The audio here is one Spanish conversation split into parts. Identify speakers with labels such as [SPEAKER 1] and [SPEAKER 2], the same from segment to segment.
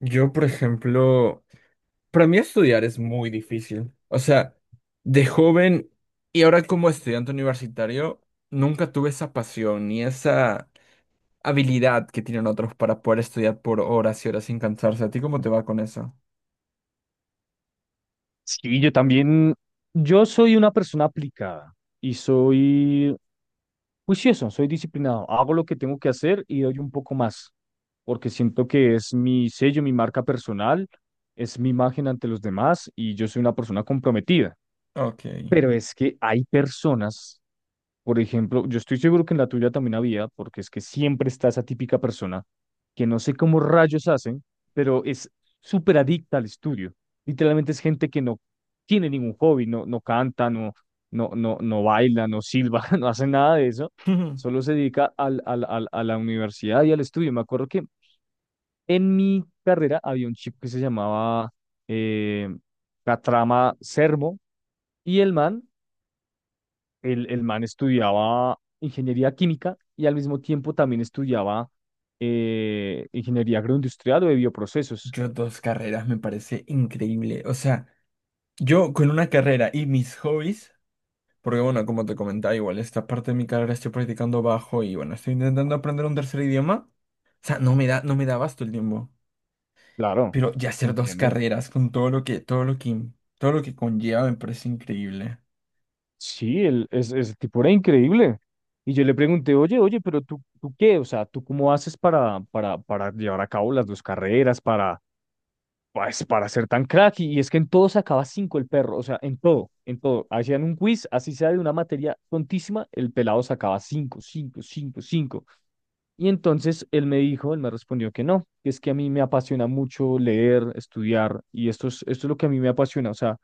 [SPEAKER 1] Yo, por ejemplo, para mí estudiar es muy difícil. O sea, de joven y ahora como estudiante universitario, nunca tuve esa pasión ni esa habilidad que tienen otros para poder estudiar por horas y horas sin cansarse. ¿A ti cómo te va con eso?
[SPEAKER 2] Sí, yo también, yo soy una persona aplicada y soy juicioso, soy disciplinado, hago lo que tengo que hacer y doy un poco más, porque siento que es mi sello, mi marca personal, es mi imagen ante los demás y yo soy una persona comprometida.
[SPEAKER 1] Ok.
[SPEAKER 2] Pero es que hay personas, por ejemplo, yo estoy seguro que en la tuya también había, porque es que siempre está esa típica persona que no sé cómo rayos hacen, pero es súper adicta al estudio. Literalmente es gente que no tiene ningún hobby, no, no canta, no, no, no, no baila, no silba, no hace nada de eso. Solo se dedica a la universidad y al estudio. Me acuerdo que en mi carrera había un chico que se llamaba eh, Catrama Sermo, y el man estudiaba ingeniería química y al mismo tiempo también estudiaba ingeniería agroindustrial o de bioprocesos.
[SPEAKER 1] Yo dos carreras me parece increíble. O sea, yo con una carrera y mis hobbies, porque bueno, como te comentaba, igual esta parte de mi carrera estoy practicando bajo y bueno, estoy intentando aprender un tercer idioma. O sea, no me da abasto el tiempo.
[SPEAKER 2] Claro,
[SPEAKER 1] Pero ya hacer dos
[SPEAKER 2] entiendo.
[SPEAKER 1] carreras con todo lo que, todo lo que conlleva me parece increíble.
[SPEAKER 2] Sí, ese tipo era increíble. Y yo le pregunté, oye, oye, pero tú, ¿tú qué? O sea, ¿tú cómo haces para llevar a cabo las dos carreras, pues, para ser tan crack? Y es que en todo sacaba cinco el perro, o sea, en todo, en todo. Hacían un quiz, así sea de una materia tontísima, el pelado sacaba cinco, cinco, cinco, cinco. Y entonces él me dijo, él me respondió que no, que es que a mí me apasiona mucho leer, estudiar, y esto es lo que a mí me apasiona, o sea,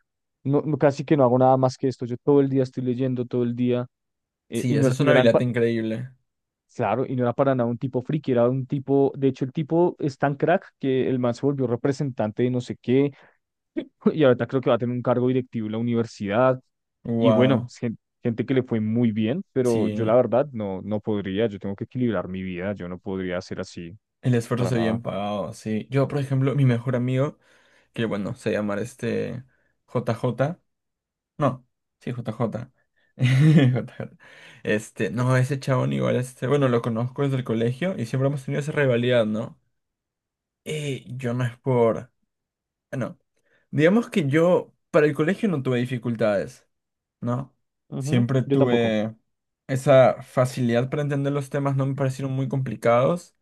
[SPEAKER 2] casi que no hago nada más que esto, yo todo el día estoy leyendo, todo el día,
[SPEAKER 1] Sí,
[SPEAKER 2] y no,
[SPEAKER 1] esa es
[SPEAKER 2] no
[SPEAKER 1] una
[SPEAKER 2] eran
[SPEAKER 1] habilidad
[SPEAKER 2] pa-
[SPEAKER 1] increíble.
[SPEAKER 2] Claro, y no era para nada un tipo friki, era un tipo, de hecho el tipo es tan crack que el man se volvió representante de no sé qué, y ahorita creo que va a tener un cargo directivo en la universidad, y bueno,
[SPEAKER 1] Wow.
[SPEAKER 2] gente que le fue muy bien, pero yo
[SPEAKER 1] Sí.
[SPEAKER 2] la verdad no, no podría, yo tengo que equilibrar mi vida, yo no podría ser así,
[SPEAKER 1] El esfuerzo
[SPEAKER 2] para
[SPEAKER 1] se ve
[SPEAKER 2] nada.
[SPEAKER 1] bien pagado, sí. Yo, por ejemplo, mi mejor amigo, que bueno, se llama JJ. No, sí, JJ. JJ. No, ese chabón igual, bueno, lo conozco desde el colegio y siempre hemos tenido esa rivalidad, ¿no? Yo no es por... no. Digamos que yo para el colegio no tuve dificultades, ¿no?
[SPEAKER 2] Ujú,
[SPEAKER 1] Siempre
[SPEAKER 2] yo tampoco.
[SPEAKER 1] tuve esa facilidad para entender los temas, no me parecieron muy complicados.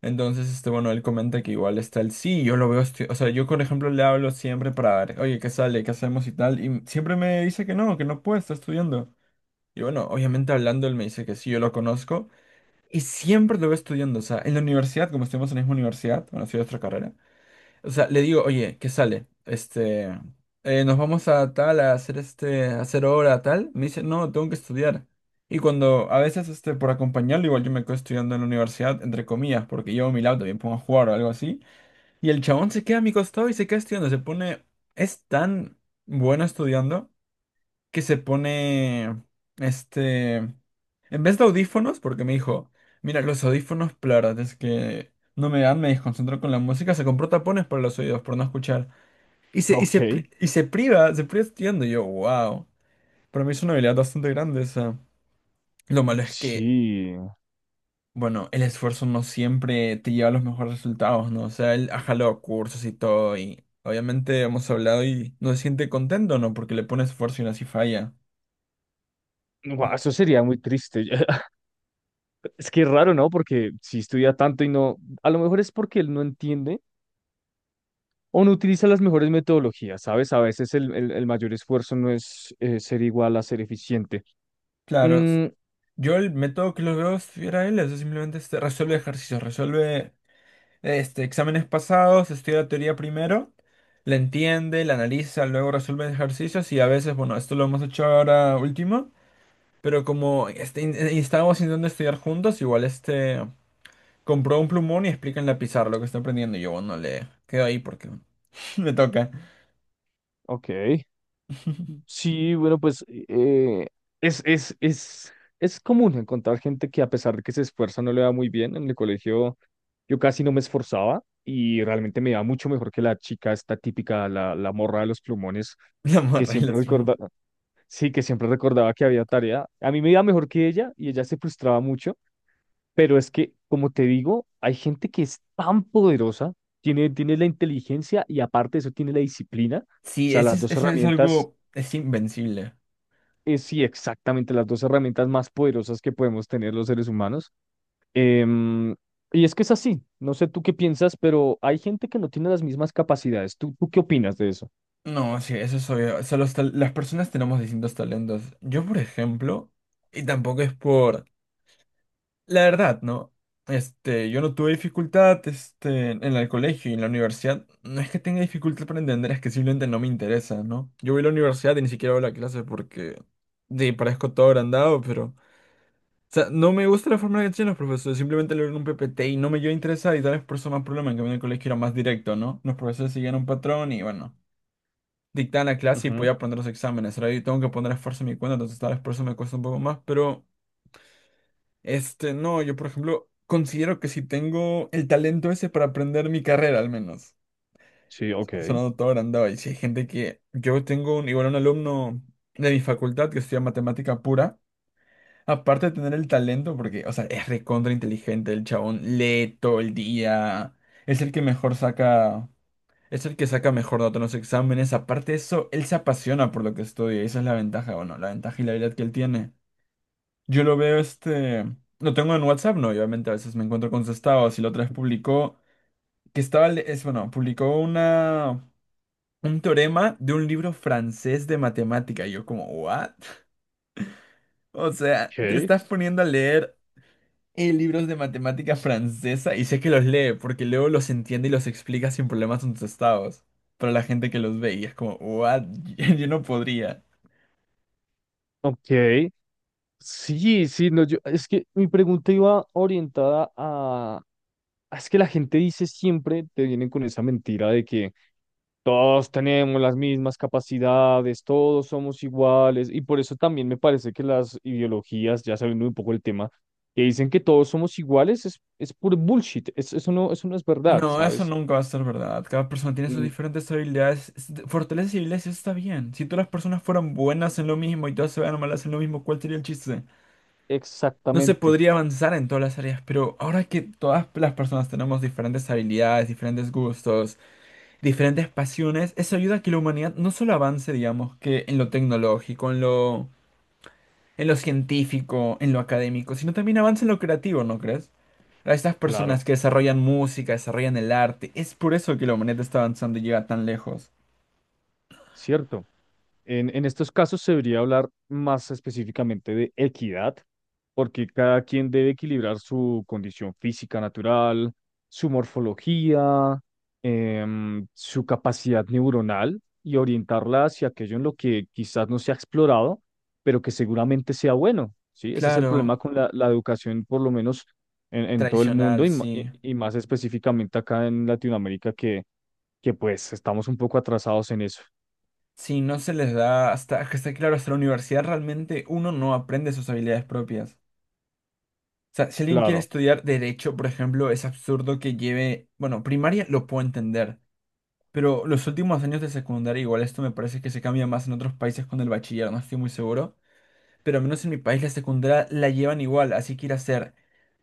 [SPEAKER 1] Entonces, bueno, él comenta que igual está el sí, yo lo veo, o sea, yo por ejemplo le hablo siempre para ver, oye, ¿qué sale? ¿Qué hacemos y tal? Y siempre me dice que no puede, está estudiando. Y bueno, obviamente hablando, él me dice que sí, yo lo conozco. Y siempre lo veo estudiando, o sea, en la universidad, como estuvimos en la misma universidad, bueno, ha sido otra carrera. O sea, le digo, oye, ¿qué sale? Nos vamos a tal, a hacer a hacer hora, tal. Me dice, no, tengo que estudiar. Y cuando, a veces, por acompañarlo, igual yo me quedo estudiando en la universidad, entre comillas, porque llevo mi laptop y me pongo a jugar o algo así. Y el chabón se queda a mi costado y se queda estudiando, se pone, es tan bueno estudiando que se pone, en vez de audífonos, porque me dijo, mira, los audífonos, la verdad es que no me dan, me desconcentro con la música, se compró tapones para los oídos, por no escuchar. Y se, y se,
[SPEAKER 2] Ok,
[SPEAKER 1] pri- y se priva estudiando, y yo, wow, para mí es una habilidad bastante grande esa. Lo malo es que,
[SPEAKER 2] sí.
[SPEAKER 1] bueno, el esfuerzo no siempre te lleva a los mejores resultados, ¿no? O sea, él ha jalado cursos y todo, y obviamente hemos hablado y no se siente contento, ¿no? Porque le pone esfuerzo y aún así falla.
[SPEAKER 2] Guau, eso
[SPEAKER 1] Entonces,
[SPEAKER 2] sería muy triste. Es que es raro, ¿no? Porque si estudia tanto y no, a lo mejor es porque él no entiende. O no utiliza las mejores metodologías, ¿sabes? A veces el mayor esfuerzo no es, ser igual a ser eficiente.
[SPEAKER 1] claro,
[SPEAKER 2] Mm,
[SPEAKER 1] yo el método que los veo si era él, eso simplemente resuelve ejercicios, resuelve exámenes pasados, estudia la teoría primero, la entiende, la analiza, luego resuelve ejercicios y a veces, bueno, esto lo hemos hecho ahora último, pero como estábamos intentando estudiar juntos, igual compró un plumón y explica en la pizarra lo que está aprendiendo y yo, bueno, le quedo ahí porque me toca
[SPEAKER 2] ok. Sí, bueno, pues es, es, es, es común encontrar gente que a pesar de que se esfuerza no le va muy bien. En el colegio yo casi no me esforzaba y realmente me iba mucho mejor que la chica esta típica, la morra de los plumones,
[SPEAKER 1] la
[SPEAKER 2] que
[SPEAKER 1] morra y
[SPEAKER 2] siempre
[SPEAKER 1] las plumas.
[SPEAKER 2] recordaba, sí, que siempre recordaba que había tarea. A mí me iba mejor que ella y ella se frustraba mucho. Pero es que, como te digo, hay gente que es tan poderosa, tiene la inteligencia y aparte de eso tiene la disciplina. O
[SPEAKER 1] Sí,
[SPEAKER 2] sea, las dos
[SPEAKER 1] ese es
[SPEAKER 2] herramientas,
[SPEAKER 1] algo, es invencible.
[SPEAKER 2] es sí, exactamente, las dos herramientas más poderosas que podemos tener los seres humanos. Em, y es que es así, no sé tú qué piensas, pero hay gente que no tiene las mismas capacidades. ¿Tú qué opinas de eso?
[SPEAKER 1] No, sí, eso es obvio. O sea, las personas tenemos distintos talentos. Yo, por ejemplo, y tampoco es por... La verdad, ¿no? Yo no tuve dificultad, en el colegio y en la universidad. No es que tenga dificultad para entender, es que simplemente no me interesa, ¿no? Yo voy a la universidad y ni siquiera voy a la clase porque... Sí, parezco todo agrandado, pero... O sea, no me gusta la forma en que tienen los profesores. Simplemente leo en un PPT y no me yo a interesar y tal vez por eso más problema en que a mí en el colegio era más directo, ¿no? Los profesores seguían un patrón y bueno dictar la clase y
[SPEAKER 2] Ujú,
[SPEAKER 1] podía poner los exámenes, ¿verdad? Y tengo que poner esfuerzo en mi cuenta, entonces tal vez por eso me cuesta un poco más, pero no, yo por ejemplo considero que si tengo el talento ese para aprender mi carrera al menos,
[SPEAKER 2] sí, ok.
[SPEAKER 1] sonando todo agrandado, y si hay gente que, yo tengo un, igual un alumno de mi facultad que estudia matemática pura, aparte de tener el talento, porque, o sea, es recontra inteligente, el chabón lee todo el día, es el que mejor saca... Es el que saca mejor nota en los exámenes. Aparte de eso, él se apasiona por lo que estudia. Y esa es la ventaja, bueno, la ventaja y la habilidad que él tiene. Yo lo veo, lo tengo en WhatsApp, no, y obviamente a veces me encuentro con sus estados. Y la otra vez publicó... Es, bueno, publicó una... Un teorema de un libro francés de matemática. Y yo como, ¿what? O sea, te
[SPEAKER 2] Ok.
[SPEAKER 1] estás poniendo a leer libros de matemática francesa y sé que los lee porque luego los entiende y los explica sin problemas en sus estados. Para la gente que los ve y es como, ¿what? Yo no podría.
[SPEAKER 2] Ok. Sí, sí, no, yo, es que mi pregunta iba orientada. Ah, es que la gente dice siempre, te vienen con esa mentira de que todos tenemos las mismas capacidades, todos somos iguales, y por eso también me parece que las ideologías, ya saliendo un poco el tema, que dicen que todos somos iguales, es puro bullshit, eso no es verdad,
[SPEAKER 1] No, eso
[SPEAKER 2] ¿sabes?
[SPEAKER 1] nunca va a ser verdad. Cada persona tiene sus
[SPEAKER 2] Mm,
[SPEAKER 1] diferentes habilidades, fortalezas y habilidades, y eso está bien. Si todas las personas fueran buenas en lo mismo y todas se fueran malas en lo mismo, ¿cuál sería el chiste? No se
[SPEAKER 2] exactamente,
[SPEAKER 1] podría avanzar en todas las áreas, pero ahora que todas las personas tenemos diferentes habilidades, diferentes gustos, diferentes pasiones, eso ayuda a que la humanidad no solo avance, digamos, que en lo tecnológico, en lo científico, en lo académico, sino también avance en lo creativo, ¿no crees? A estas personas
[SPEAKER 2] claro,
[SPEAKER 1] que desarrollan música, desarrollan el arte, es por eso que la humanidad está avanzando y llega tan lejos.
[SPEAKER 2] cierto. En estos casos se debería hablar más específicamente de equidad, porque cada quien debe equilibrar su condición física natural, su morfología, su capacidad neuronal y orientarla hacia aquello en lo que quizás no se ha explorado, pero que seguramente sea bueno, ¿sí? Ese es el
[SPEAKER 1] Claro,
[SPEAKER 2] problema con la educación, por lo menos en todo el
[SPEAKER 1] tradicional,
[SPEAKER 2] mundo y,
[SPEAKER 1] sí.
[SPEAKER 2] y más específicamente acá en Latinoamérica, que, pues estamos un poco atrasados en eso.
[SPEAKER 1] Sí, no se les da hasta, hasta claro, hasta la universidad realmente uno no aprende sus habilidades propias. O sea, si alguien quiere
[SPEAKER 2] Claro.
[SPEAKER 1] estudiar derecho, por ejemplo, es absurdo que lleve, bueno, primaria lo puedo entender, pero los últimos años de secundaria, igual esto me parece que se cambia más en otros países con el bachiller, no estoy muy seguro. Pero al menos en mi país la secundaria la llevan igual, así que ir a ser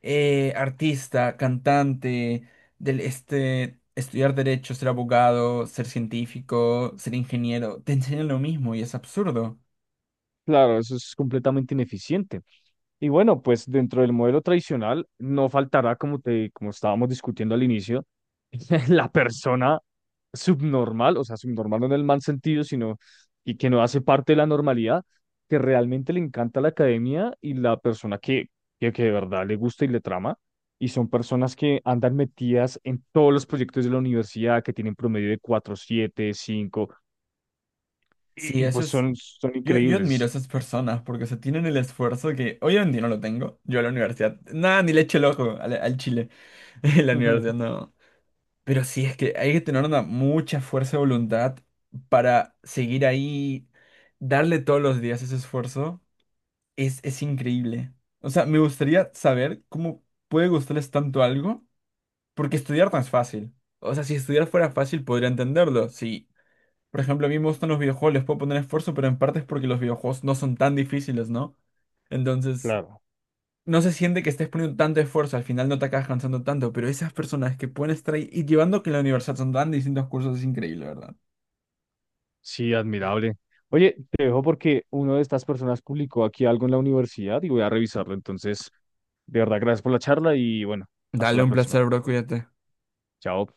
[SPEAKER 1] artista, cantante, del, estudiar derecho, ser abogado, ser científico, ser ingeniero, te enseñan lo mismo y es absurdo.
[SPEAKER 2] Claro, eso es completamente ineficiente. Y bueno, pues dentro del modelo tradicional no faltará, como te, como estábamos discutiendo al inicio, la persona subnormal, o sea, subnormal no en el mal sentido, sino y que no hace parte de la normalidad, que realmente le encanta la academia y la persona que, que de verdad le gusta y le trama. Y son personas que andan metidas en todos los proyectos de la universidad, que tienen promedio de 4,75
[SPEAKER 1] Sí,
[SPEAKER 2] y,
[SPEAKER 1] eso
[SPEAKER 2] pues
[SPEAKER 1] es...
[SPEAKER 2] son,
[SPEAKER 1] Yo admiro a
[SPEAKER 2] increíbles.
[SPEAKER 1] esas personas porque se tienen el esfuerzo que hoy en día no lo tengo. Yo a la universidad, nada, ni le echo el ojo al Chile. En la
[SPEAKER 2] Ujú,
[SPEAKER 1] universidad no. Pero sí, es que hay que tener una mucha fuerza de voluntad para seguir ahí, darle todos los días ese esfuerzo. Es increíble. O sea, me gustaría saber cómo puede gustarles tanto algo, porque estudiar no es fácil. O sea, si estudiar fuera fácil, podría entenderlo. Si, por ejemplo, a mí me gustan los videojuegos, les puedo poner esfuerzo, pero en parte es porque los videojuegos no son tan difíciles, ¿no? Entonces,
[SPEAKER 2] claro.
[SPEAKER 1] no se siente que estés poniendo tanto esfuerzo, al final no te acabas cansando tanto, pero esas personas que pueden estar ahí y llevando que en la universidad son tan distintos cursos es increíble, ¿verdad?
[SPEAKER 2] Sí, admirable. Oye, te dejo porque una de estas personas publicó aquí algo en la universidad y voy a revisarlo. Entonces, de verdad, gracias por la charla y bueno, hasta
[SPEAKER 1] Dale
[SPEAKER 2] la
[SPEAKER 1] un
[SPEAKER 2] próxima.
[SPEAKER 1] placer, bro, cuídate.
[SPEAKER 2] Chao.